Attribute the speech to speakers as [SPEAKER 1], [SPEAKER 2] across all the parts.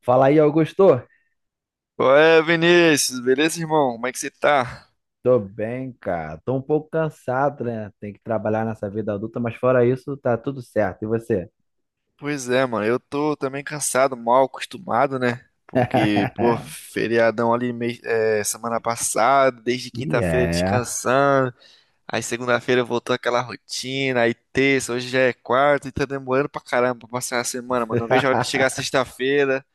[SPEAKER 1] Fala aí, Augusto.
[SPEAKER 2] Qual é, Vinícius? Beleza, irmão? Como é que você tá?
[SPEAKER 1] Tô bem, cara. Tô um pouco cansado, né? Tem que trabalhar nessa vida adulta, mas fora isso, tá tudo certo. E você?
[SPEAKER 2] Pois é, mano. Eu tô também cansado, mal acostumado, né? Porque, pô, feriadão ali é, semana passada, desde quinta-feira
[SPEAKER 1] Yeah.
[SPEAKER 2] descansando. Aí segunda-feira voltou aquela rotina. Aí terça, hoje já é quarta e tá demorando pra caramba pra passar a semana, mano. Não vejo a hora de chegar sexta-feira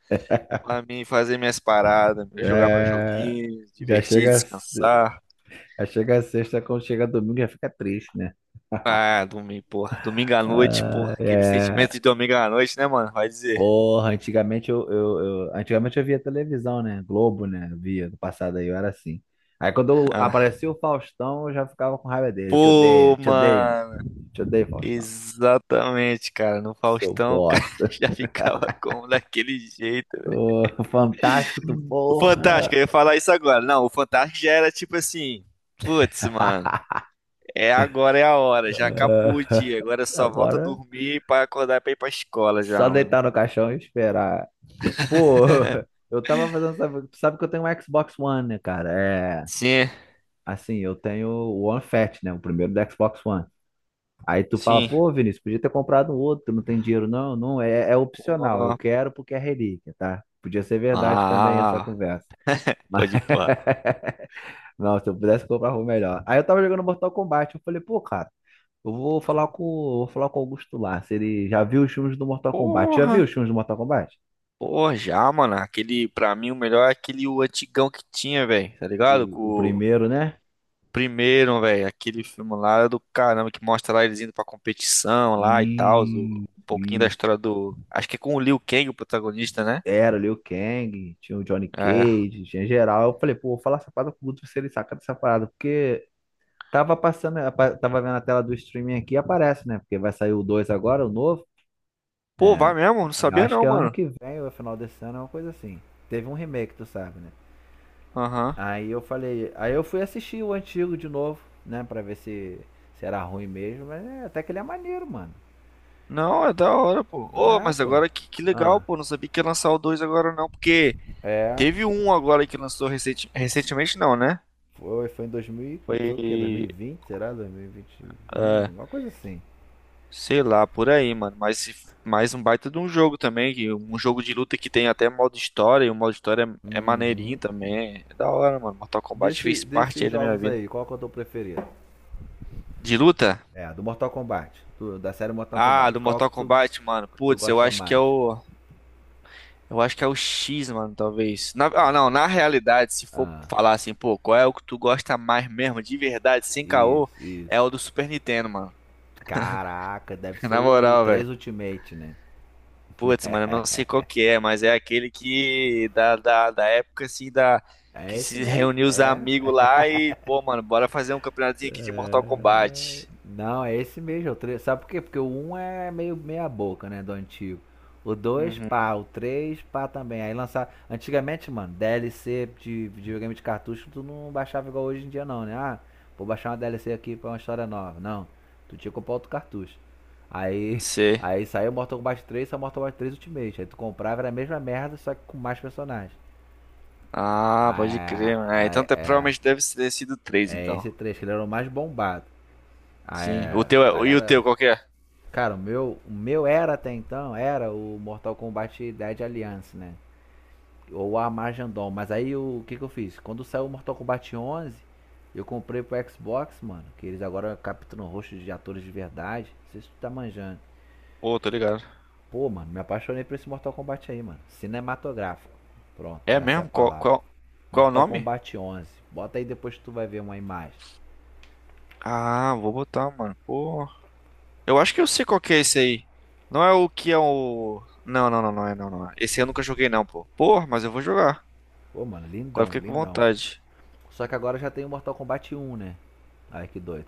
[SPEAKER 2] pra mim fazer minhas paradas, jogar meus
[SPEAKER 1] É,
[SPEAKER 2] joguinhos,
[SPEAKER 1] Já
[SPEAKER 2] divertir,
[SPEAKER 1] chega,
[SPEAKER 2] descansar.
[SPEAKER 1] já chega a sexta, quando chega domingo já fica triste, né?
[SPEAKER 2] Ah, domingo, porra. Domingo à noite, porra. Aquele sentimento
[SPEAKER 1] É...
[SPEAKER 2] de domingo à noite, né, mano? Vai dizer.
[SPEAKER 1] Porra, antigamente antigamente eu via televisão, né? Globo, né? Eu via no passado aí, eu era assim. Aí
[SPEAKER 2] Ah.
[SPEAKER 1] aparecia o Faustão, eu já ficava com raiva dele. Te
[SPEAKER 2] Pô,
[SPEAKER 1] odeio, te odeio,
[SPEAKER 2] mano.
[SPEAKER 1] te odeio, Faustão.
[SPEAKER 2] Exatamente, cara. No
[SPEAKER 1] Seu
[SPEAKER 2] Faustão, o cara
[SPEAKER 1] bosta.
[SPEAKER 2] já ficava como daquele jeito, velho.
[SPEAKER 1] Ô, fantástico, tu
[SPEAKER 2] O
[SPEAKER 1] porra.
[SPEAKER 2] Fantástico, eu ia falar isso agora. Não, o Fantástico já era tipo assim. Putz, mano. É agora, é a hora. Já acabou o
[SPEAKER 1] Ah,
[SPEAKER 2] dia. Agora só volta a
[SPEAKER 1] Agora,
[SPEAKER 2] dormir pra acordar pra ir pra escola já,
[SPEAKER 1] só
[SPEAKER 2] mano.
[SPEAKER 1] deitar no caixão e esperar. Pô, eu tava fazendo. Tu sabe que eu tenho um Xbox One, né, cara? É.
[SPEAKER 2] Sim,
[SPEAKER 1] Assim, eu tenho o One Fat, né? O primeiro do Xbox One. Aí tu fala,
[SPEAKER 2] sim.
[SPEAKER 1] pô, Vinícius, podia ter comprado um outro, não tem dinheiro. Não, não, é opcional. Eu
[SPEAKER 2] Pô.
[SPEAKER 1] quero porque é relíquia, tá? Podia ser verdade também essa
[SPEAKER 2] Ah,
[SPEAKER 1] conversa. Mas,
[SPEAKER 2] pode ir, pá.
[SPEAKER 1] não, se eu pudesse comprar algo melhor. Aí eu tava jogando Mortal Kombat, eu falei, pô, cara. Eu vou falar com o Augusto Lars. Ele já viu os filmes do Mortal Kombat. Já viu os
[SPEAKER 2] Porra.
[SPEAKER 1] filmes do Mortal Kombat?
[SPEAKER 2] Pô, já, mano. Aquele, pra mim, o melhor é aquele o antigão que tinha, velho. Tá ligado? Com
[SPEAKER 1] O
[SPEAKER 2] o
[SPEAKER 1] primeiro, né?
[SPEAKER 2] primeiro, velho. Aquele filme lá era do caramba que mostra lá eles indo pra competição lá e tal.
[SPEAKER 1] E,
[SPEAKER 2] Um pouquinho da
[SPEAKER 1] e
[SPEAKER 2] história do. Acho que é com o Liu Kang, o protagonista, né?
[SPEAKER 1] era o Liu Kang, tinha o Johnny
[SPEAKER 2] É.
[SPEAKER 1] Cage, tinha geral. Eu falei, pô, vou falar essa parada com o Guto se ele saca dessa parada, porque tava passando, tava vendo a tela do streaming aqui e aparece, né? Porque vai sair o 2 agora, o novo.
[SPEAKER 2] Pô, vai
[SPEAKER 1] É,
[SPEAKER 2] mesmo? Não
[SPEAKER 1] eu
[SPEAKER 2] sabia
[SPEAKER 1] acho que
[SPEAKER 2] não,
[SPEAKER 1] é ano
[SPEAKER 2] mano.
[SPEAKER 1] que vem, ou é final desse ano, é uma coisa assim. Teve um remake, tu sabe, né?
[SPEAKER 2] Aham.
[SPEAKER 1] Aí eu falei, aí eu fui assistir o antigo de novo, né, pra ver se era ruim mesmo, mas é, até que ele é maneiro, mano.
[SPEAKER 2] Não, é da hora, pô. Ô,
[SPEAKER 1] É,
[SPEAKER 2] mas
[SPEAKER 1] pô.
[SPEAKER 2] agora que legal,
[SPEAKER 1] Ah,
[SPEAKER 2] pô. Não sabia que ia lançar o dois agora não, porque
[SPEAKER 1] é,
[SPEAKER 2] teve um agora que lançou recentemente, não, né?
[SPEAKER 1] foi em 2000,
[SPEAKER 2] Foi.
[SPEAKER 1] foi o quê? 2020, será? 2021,
[SPEAKER 2] É,
[SPEAKER 1] uma coisa assim.
[SPEAKER 2] sei lá, por aí, mano. Mas mais um baita de um jogo também, que um jogo de luta que tem até modo história, e o modo história é maneirinho
[SPEAKER 1] Uhum.
[SPEAKER 2] também. É da hora, mano. Mortal Kombat fez parte
[SPEAKER 1] Desses
[SPEAKER 2] aí da minha
[SPEAKER 1] jogos
[SPEAKER 2] vida.
[SPEAKER 1] aí, qual que é o teu preferido?
[SPEAKER 2] De luta?
[SPEAKER 1] É, do Mortal Kombat, da série Mortal
[SPEAKER 2] Ah, do
[SPEAKER 1] Kombat,
[SPEAKER 2] Mortal Kombat, mano.
[SPEAKER 1] que tu
[SPEAKER 2] Putz, eu
[SPEAKER 1] gosta
[SPEAKER 2] acho que é
[SPEAKER 1] mais?
[SPEAKER 2] o. Eu acho que é o X, mano, talvez. Ah, não, na realidade, se for
[SPEAKER 1] Ah,
[SPEAKER 2] falar assim, pô, qual é o que tu gosta mais mesmo, de verdade, sem caô,
[SPEAKER 1] isso,
[SPEAKER 2] é
[SPEAKER 1] isso.
[SPEAKER 2] o do Super Nintendo, mano.
[SPEAKER 1] Caraca, deve ser
[SPEAKER 2] Na
[SPEAKER 1] o
[SPEAKER 2] moral, velho.
[SPEAKER 1] 3 Ultimate, né?
[SPEAKER 2] Putz, mano, eu não sei qual que é, mas é aquele que da época assim da
[SPEAKER 1] É
[SPEAKER 2] que
[SPEAKER 1] esse
[SPEAKER 2] se
[SPEAKER 1] mesmo,
[SPEAKER 2] reuniu os
[SPEAKER 1] é.
[SPEAKER 2] amigos lá e, pô, mano, bora fazer um campeonatozinho aqui de Mortal
[SPEAKER 1] É,
[SPEAKER 2] Kombat.
[SPEAKER 1] não, é esse mesmo. É o três. Sabe por quê? Porque o um é meio meia boca, né, do antigo. O dois
[SPEAKER 2] Uhum.
[SPEAKER 1] pá. O 3 pá também. Aí lançar... Antigamente, mano, DLC de videogame de cartucho, tu não baixava igual hoje em dia não, né? Ah, vou baixar uma DLC aqui pra uma história nova. Não. Tu tinha que comprar outro cartucho. Aí...
[SPEAKER 2] Sei.
[SPEAKER 1] Aí saiu Mortal Kombat 3 Ultimate. Aí tu comprava, era a mesma merda, só que com mais personagens.
[SPEAKER 2] Ah, pode
[SPEAKER 1] Ah,
[SPEAKER 2] crer, mano. Ah, então
[SPEAKER 1] é, é,
[SPEAKER 2] provavelmente deve ter sido
[SPEAKER 1] é
[SPEAKER 2] três,
[SPEAKER 1] é
[SPEAKER 2] então.
[SPEAKER 1] esse 3 que ele era o mais bombado. Ah,
[SPEAKER 2] Sim. O
[SPEAKER 1] é,
[SPEAKER 2] teu
[SPEAKER 1] a
[SPEAKER 2] é, e o teu
[SPEAKER 1] galera.
[SPEAKER 2] qual que é?
[SPEAKER 1] Cara, o meu era até então, era o Mortal Kombat Dead Alliance, né? Ou a Armagedon. Mas aí o que que eu fiz? Quando saiu o Mortal Kombat 11, eu comprei pro Xbox, mano. Que eles agora capturam rostos de atores de verdade. Não sei se tu tá manjando.
[SPEAKER 2] Pô, tô ligado.
[SPEAKER 1] Pô, mano, me apaixonei por esse Mortal Kombat aí, mano. Cinematográfico. Pronto,
[SPEAKER 2] É
[SPEAKER 1] essa é a
[SPEAKER 2] mesmo? Qual,
[SPEAKER 1] palavra.
[SPEAKER 2] qual, qual é o
[SPEAKER 1] Mortal
[SPEAKER 2] nome?
[SPEAKER 1] Kombat 11. Bota aí depois que tu vai ver uma imagem.
[SPEAKER 2] Ah, vou botar, mano. Pô. Eu acho que eu sei qual que é esse aí. Não é o que é o. Não, não, não, não é, não, não. É. Esse eu nunca joguei, não, pô. Pô, mas eu vou jogar.
[SPEAKER 1] Pô, mano,
[SPEAKER 2] Agora eu
[SPEAKER 1] lindão,
[SPEAKER 2] fiquei com
[SPEAKER 1] lindão.
[SPEAKER 2] vontade.
[SPEAKER 1] Só que agora já tem o Mortal Kombat 1, né? Ai, que doido.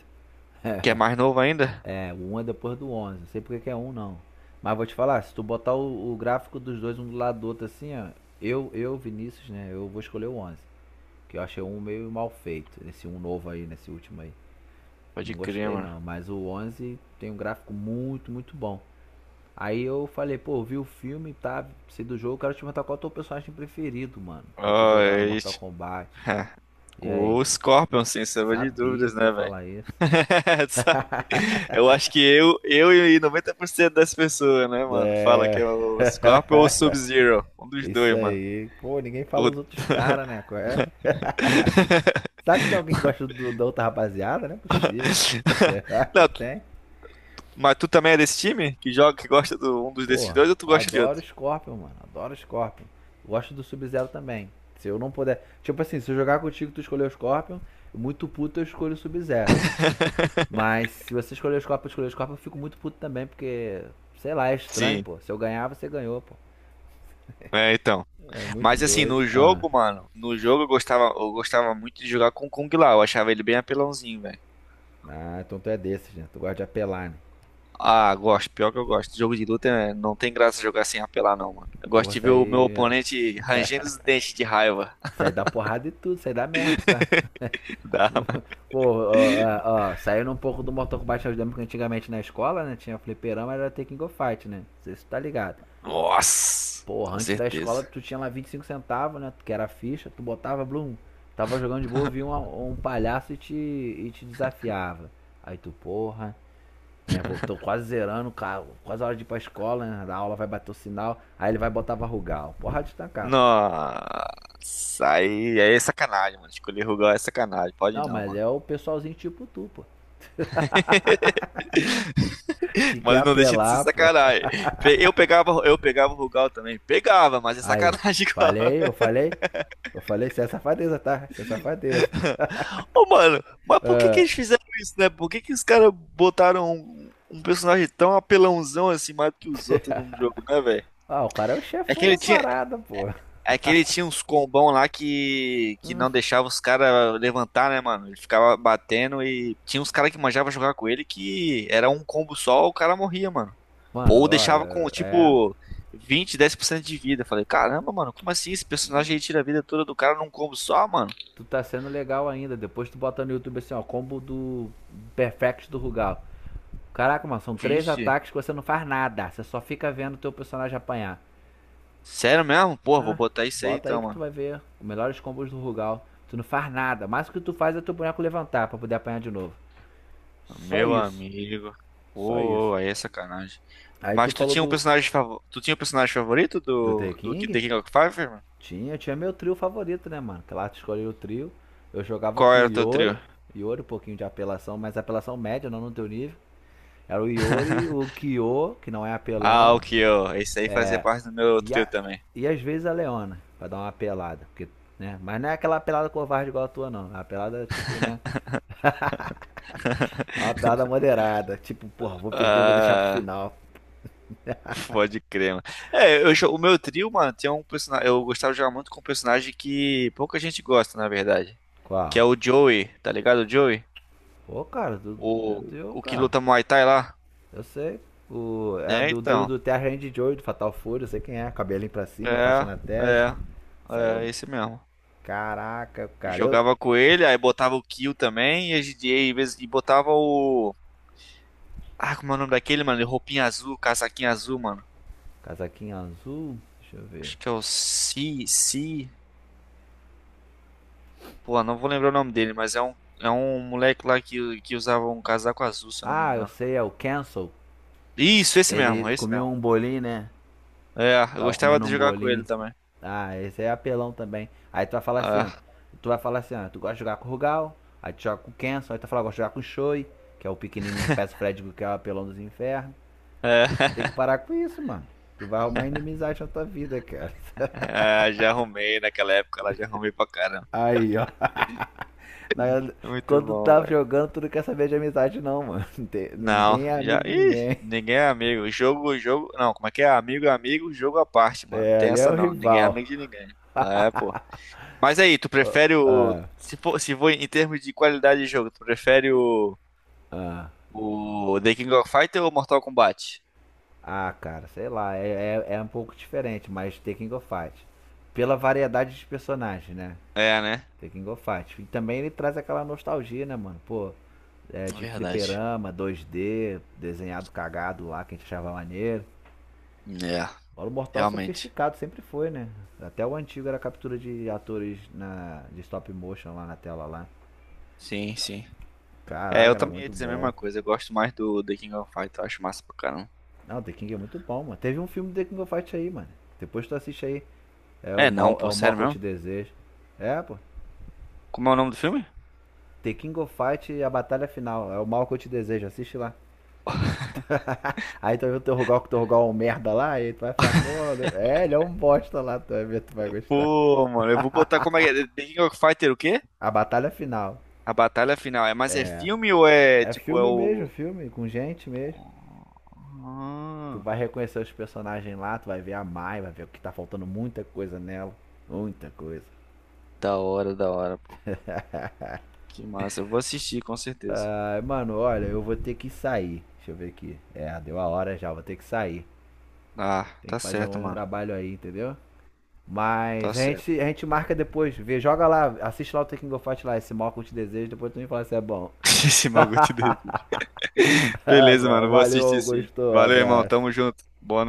[SPEAKER 2] Que é mais novo ainda?
[SPEAKER 1] É, o 1 é depois do onze. Não sei porque que é um não. Mas vou te falar, se tu botar o gráfico dos dois um do lado do outro assim, ó. Vinícius, né? Eu vou escolher o onze. Que eu achei um meio mal feito. Esse um novo aí, nesse último aí. Eu
[SPEAKER 2] Pode
[SPEAKER 1] não
[SPEAKER 2] crer,
[SPEAKER 1] gostei
[SPEAKER 2] mano.
[SPEAKER 1] não. Mas o 11 tem um gráfico muito, muito bom. Aí eu falei, pô, vi o filme, tá? Sei do jogo, quero te perguntar qual é o teu personagem preferido, mano. Pra tu
[SPEAKER 2] Ah,
[SPEAKER 1] jogar no
[SPEAKER 2] é
[SPEAKER 1] Mortal
[SPEAKER 2] isso.
[SPEAKER 1] Kombat. E aí?
[SPEAKER 2] O Scorpion, sem sombra de
[SPEAKER 1] Sabia
[SPEAKER 2] dúvidas,
[SPEAKER 1] que tu ia
[SPEAKER 2] né, velho?
[SPEAKER 1] falar isso.
[SPEAKER 2] Sabe? Eu acho que eu e 90% das pessoas, né, mano?
[SPEAKER 1] É
[SPEAKER 2] Fala que é o Scorpion ou o Sub-Zero. Um dos
[SPEAKER 1] isso
[SPEAKER 2] dois, mano.
[SPEAKER 1] aí. Pô, ninguém fala
[SPEAKER 2] O-
[SPEAKER 1] os outros caras, né? Qual é? Será que tem alguém que gosta da outra rapaziada? Não é possível. Será que
[SPEAKER 2] Não,
[SPEAKER 1] tem?
[SPEAKER 2] mas tu também é desse time? Que joga, que gosta de um dos desses
[SPEAKER 1] Porra,
[SPEAKER 2] dois ou tu gosta de
[SPEAKER 1] adoro o
[SPEAKER 2] outro?
[SPEAKER 1] Scorpion, mano. Adoro o Scorpion. Gosto do Sub-Zero também. Se eu não puder. Tipo assim, se eu jogar contigo, tu escolher o Scorpion, muito puto eu escolho o Sub-Zero. Mas se você escolher o Scorpion, eu escolher o Scorpion, eu fico muito puto também, porque. Sei lá, é estranho,
[SPEAKER 2] Sim.
[SPEAKER 1] pô. Se eu ganhar, você ganhou, pô.
[SPEAKER 2] É, então.
[SPEAKER 1] É muito
[SPEAKER 2] Mas assim,
[SPEAKER 1] doido.
[SPEAKER 2] no
[SPEAKER 1] Ah,
[SPEAKER 2] jogo, mano, no jogo eu gostava muito de jogar com o Kung Lao, eu achava ele bem apelãozinho, velho.
[SPEAKER 1] então tu é desses, né? Tu gosta de apelar, né?
[SPEAKER 2] Ah, gosto, pior que eu gosto. Jogo de luta né, não tem graça jogar sem apelar, não, mano. Eu gosto
[SPEAKER 1] Porra,
[SPEAKER 2] de ver o meu
[SPEAKER 1] sair.
[SPEAKER 2] oponente rangendo os dentes de raiva.
[SPEAKER 1] Sair da porrada e tudo, sair da merda, tá?
[SPEAKER 2] Dá, mano.
[SPEAKER 1] Pô, ó, ó, ó, saindo um pouco do Mortal Kombat, eu lembro que antigamente na escola, né? Tinha fliperama, era ter King of Fight, né? Não sei se tu tá ligado.
[SPEAKER 2] Nossa,
[SPEAKER 1] Porra,
[SPEAKER 2] com
[SPEAKER 1] antes da escola
[SPEAKER 2] certeza.
[SPEAKER 1] tu tinha lá 25 centavos, né? Que era a ficha, tu botava, blum. Tava jogando de boa, vinha um palhaço e te desafiava. Aí tu, porra, né? Tô quase zerando, cara, quase a hora de ir pra escola, né? A aula vai bater o sinal, aí ele vai botar Varrugal. Porra de tacar.
[SPEAKER 2] Nossa, aí é sacanagem, mano. Escolher Rugal é sacanagem, pode
[SPEAKER 1] Não,
[SPEAKER 2] não,
[SPEAKER 1] mas
[SPEAKER 2] mano.
[SPEAKER 1] é o pessoalzinho tipo tu, pô. Que quer
[SPEAKER 2] Mas não deixa de ser
[SPEAKER 1] apelar, pô.
[SPEAKER 2] sacanagem. Eu pegava o Rugal também. Pegava, mas é
[SPEAKER 1] Aí,
[SPEAKER 2] sacanagem igual.
[SPEAKER 1] eu falei. Eu falei, isso é safadeza, tá? Isso é safadeza.
[SPEAKER 2] Ô, mano, mas por que que eles fizeram isso, né? Por que que os caras botaram um personagem tão apelãozão assim, mais do que os outros num jogo, né, velho?
[SPEAKER 1] Ah, o cara é o
[SPEAKER 2] É que
[SPEAKER 1] chefão
[SPEAKER 2] ele
[SPEAKER 1] da
[SPEAKER 2] tinha, é
[SPEAKER 1] parada, pô.
[SPEAKER 2] é que ele tinha uns combão lá que não deixava os caras levantar, né, mano? Ele ficava batendo e tinha uns caras que manjava jogar com ele que era um combo só, o cara morria, mano.
[SPEAKER 1] Mano,
[SPEAKER 2] Ou deixava com,
[SPEAKER 1] olha, é.
[SPEAKER 2] tipo, vinte dez por cento de vida. Falei, caramba, mano, como assim? Esse personagem aí tira a vida toda do cara num combo só, mano?
[SPEAKER 1] Tu tá sendo legal ainda. Depois tu bota no YouTube assim, ó, combo do Perfect do Rugal. Caraca, mano, são três
[SPEAKER 2] Vixe.
[SPEAKER 1] ataques que você não faz nada. Você só fica vendo o teu personagem apanhar.
[SPEAKER 2] Sério mesmo? Pô, vou
[SPEAKER 1] Ah,
[SPEAKER 2] botar isso aí
[SPEAKER 1] bota aí
[SPEAKER 2] então,
[SPEAKER 1] que tu
[SPEAKER 2] mano.
[SPEAKER 1] vai ver os melhores combos do Rugal. Tu não faz nada. Mas o que tu faz é teu boneco levantar pra poder apanhar de novo. Só
[SPEAKER 2] Meu
[SPEAKER 1] isso.
[SPEAKER 2] amigo.
[SPEAKER 1] Só isso.
[SPEAKER 2] Pô, aí é sacanagem.
[SPEAKER 1] Aí tu
[SPEAKER 2] Mas
[SPEAKER 1] falou do.
[SPEAKER 2] tu tinha um personagem favorito
[SPEAKER 1] Do The
[SPEAKER 2] do
[SPEAKER 1] King?
[SPEAKER 2] The King of Fighters, mano?
[SPEAKER 1] Tinha meu trio favorito, né, mano? Claro, escolhi o trio. Eu jogava
[SPEAKER 2] Qual
[SPEAKER 1] com o
[SPEAKER 2] era o teu
[SPEAKER 1] Iori.
[SPEAKER 2] trio?
[SPEAKER 1] Iori, um pouquinho de apelação, mas apelação média, não no teu nível. Era o Iori, o Kyo, que não é
[SPEAKER 2] Ah, o
[SPEAKER 1] apelão.
[SPEAKER 2] Kyo. Esse aí fazia parte do meu
[SPEAKER 1] E,
[SPEAKER 2] trio
[SPEAKER 1] a,
[SPEAKER 2] também.
[SPEAKER 1] e às vezes a Leona, pra dar uma apelada. Porque, né? Mas não é aquela apelada covarde igual a tua, não. É uma apelada, tipo, né? É uma apelada moderada. Tipo, porra, vou perder, vou deixar pro
[SPEAKER 2] Ah,
[SPEAKER 1] final.
[SPEAKER 2] pode crer, mano. É, o meu trio, mano, tinha um personagem, eu gostava de jogar muito com um personagem que pouca gente gosta, na verdade, que
[SPEAKER 1] Qual?
[SPEAKER 2] é o Joey, tá ligado? O Joey,
[SPEAKER 1] Ô, cara, tu, meu
[SPEAKER 2] o
[SPEAKER 1] Deus,
[SPEAKER 2] o que
[SPEAKER 1] cara.
[SPEAKER 2] luta Muay Thai lá.
[SPEAKER 1] Eu sei. É a
[SPEAKER 2] É,
[SPEAKER 1] do trio
[SPEAKER 2] então,
[SPEAKER 1] do Terra Randy Joy, do Fatal Fury, eu sei quem é. Cabelinho pra cima, faixa
[SPEAKER 2] É,
[SPEAKER 1] na testa.
[SPEAKER 2] é,
[SPEAKER 1] Saiu,
[SPEAKER 2] é, esse mesmo.
[SPEAKER 1] Caraca, cara.
[SPEAKER 2] Jogava com ele, aí botava o Kill também, e, a gente- e, às vezes- e botava o. Ah, como é o nome daquele, mano? De Roupinha azul, casaquinho azul, mano.
[SPEAKER 1] Casaquinho azul. Deixa eu ver.
[SPEAKER 2] Acho que é o Si, Si. Pô, não vou lembrar o nome dele, mas é um moleque lá que usava um casaco azul, se eu não me
[SPEAKER 1] Ah, eu
[SPEAKER 2] engano.
[SPEAKER 1] sei, é o Cancel.
[SPEAKER 2] Isso, esse
[SPEAKER 1] Ele
[SPEAKER 2] mesmo, esse
[SPEAKER 1] comia
[SPEAKER 2] mesmo.
[SPEAKER 1] um bolinho, né?
[SPEAKER 2] É, eu
[SPEAKER 1] Tava
[SPEAKER 2] gostava
[SPEAKER 1] comendo
[SPEAKER 2] de
[SPEAKER 1] um
[SPEAKER 2] jogar com ele
[SPEAKER 1] bolinho.
[SPEAKER 2] também.
[SPEAKER 1] Ah, esse é apelão também. Aí tu vai falar assim, ó.
[SPEAKER 2] Ah,
[SPEAKER 1] Tu vai falar assim, ó. Tu gosta de jogar com o Rugal, aí tu joga com o Cancel, aí tu fala, gosta de jogar com o Shoei, que é o pequenino peço Fred, que é o apelão dos infernos.
[SPEAKER 2] é,
[SPEAKER 1] Tem que parar com isso, mano. Tu vai arrumar inimizade na tua vida, cara.
[SPEAKER 2] é, já arrumei naquela época lá, já arrumei pra caramba.
[SPEAKER 1] Aí, ó. Na-
[SPEAKER 2] Muito
[SPEAKER 1] Quando
[SPEAKER 2] bom,
[SPEAKER 1] tá
[SPEAKER 2] velho.
[SPEAKER 1] jogando, tu não quer saber de amizade, não, mano. Não tem-
[SPEAKER 2] Não,
[SPEAKER 1] Ninguém é
[SPEAKER 2] já.
[SPEAKER 1] amigo de
[SPEAKER 2] Ih,
[SPEAKER 1] ninguém.
[SPEAKER 2] ninguém é amigo. Jogo, jogo. Não, como é que é? Amigo, é amigo, jogo à parte, mano. Não
[SPEAKER 1] É,
[SPEAKER 2] tem
[SPEAKER 1] ali é
[SPEAKER 2] essa
[SPEAKER 1] o
[SPEAKER 2] não. Ninguém é
[SPEAKER 1] rival.
[SPEAKER 2] amigo de ninguém. É, pô. Mas aí, tu prefere o.
[SPEAKER 1] Ah,
[SPEAKER 2] Se for em termos de qualidade de jogo, tu prefere o.
[SPEAKER 1] ah.
[SPEAKER 2] O The King of Fighter ou Mortal Kombat?
[SPEAKER 1] Ah, cara, sei lá. É um pouco diferente, mas The King of Fight. Pela variedade de personagens, né?
[SPEAKER 2] É, né?
[SPEAKER 1] The King of Fight. E também ele traz aquela nostalgia, né, mano? Pô, é,
[SPEAKER 2] É
[SPEAKER 1] de
[SPEAKER 2] verdade.
[SPEAKER 1] fliperama, 2D, desenhado cagado lá, que a gente achava maneiro.
[SPEAKER 2] É,
[SPEAKER 1] Paulo Mortal
[SPEAKER 2] realmente.
[SPEAKER 1] sofisticado sempre foi, né? Até o antigo era captura de atores de stop motion lá na tela lá.
[SPEAKER 2] Sim, sim. É, eu
[SPEAKER 1] Caraca, era
[SPEAKER 2] também ia
[SPEAKER 1] muito
[SPEAKER 2] dizer a mesma
[SPEAKER 1] bom.
[SPEAKER 2] coisa. Eu gosto mais do The King of Fighter. Eu acho massa pra caramba.
[SPEAKER 1] Não, The King é muito bom, mano. Teve um filme do The King of Fight aí, mano. Depois tu assiste aí.
[SPEAKER 2] É, não,
[SPEAKER 1] É
[SPEAKER 2] pô,
[SPEAKER 1] o mal
[SPEAKER 2] sério
[SPEAKER 1] que eu
[SPEAKER 2] mesmo?
[SPEAKER 1] te desejo. É, pô.
[SPEAKER 2] Como é o nome do filme?
[SPEAKER 1] The King of Fight a batalha final. É o mal que eu te desejo. Assiste lá. Aí tu vai ver o Torrugal que o Torrugal é um merda lá. Aí tu vai ficar, pô, é, ele é um bosta lá. Tu vai ver, tu vai gostar.
[SPEAKER 2] Pô, mano, eu vou botar como é que é? The King of Fighter o quê?
[SPEAKER 1] A batalha final.
[SPEAKER 2] A batalha final é, mas é filme ou é
[SPEAKER 1] É
[SPEAKER 2] tipo é
[SPEAKER 1] filme mesmo,
[SPEAKER 2] o
[SPEAKER 1] filme, com gente mesmo.
[SPEAKER 2] Pô,
[SPEAKER 1] Tu
[SPEAKER 2] ah,
[SPEAKER 1] vai reconhecer os personagens lá, tu vai ver a Mai, vai ver que tá faltando muita coisa nela. Muita coisa.
[SPEAKER 2] da hora, pô. Que massa. Eu vou assistir com certeza.
[SPEAKER 1] Ah, mano, olha, eu vou ter que sair. Deixa eu ver aqui. É, deu a hora já, vou ter que sair.
[SPEAKER 2] Ah,
[SPEAKER 1] Tem
[SPEAKER 2] tá
[SPEAKER 1] que fazer
[SPEAKER 2] certo,
[SPEAKER 1] um
[SPEAKER 2] mano.
[SPEAKER 1] trabalho aí, entendeu?
[SPEAKER 2] Tá
[SPEAKER 1] Mas a
[SPEAKER 2] certo.
[SPEAKER 1] gente, a gente marca depois, vê, joga lá, assiste lá o Taking of Fight lá, esse mal que eu te desejo, depois tu me fala se é bom.
[SPEAKER 2] Esse bagulho te deu. Beleza, mano. Vou assistir
[SPEAKER 1] Valeu,
[SPEAKER 2] sim.
[SPEAKER 1] gostou,
[SPEAKER 2] Valeu, irmão.
[SPEAKER 1] abraço.
[SPEAKER 2] Tamo junto. Boa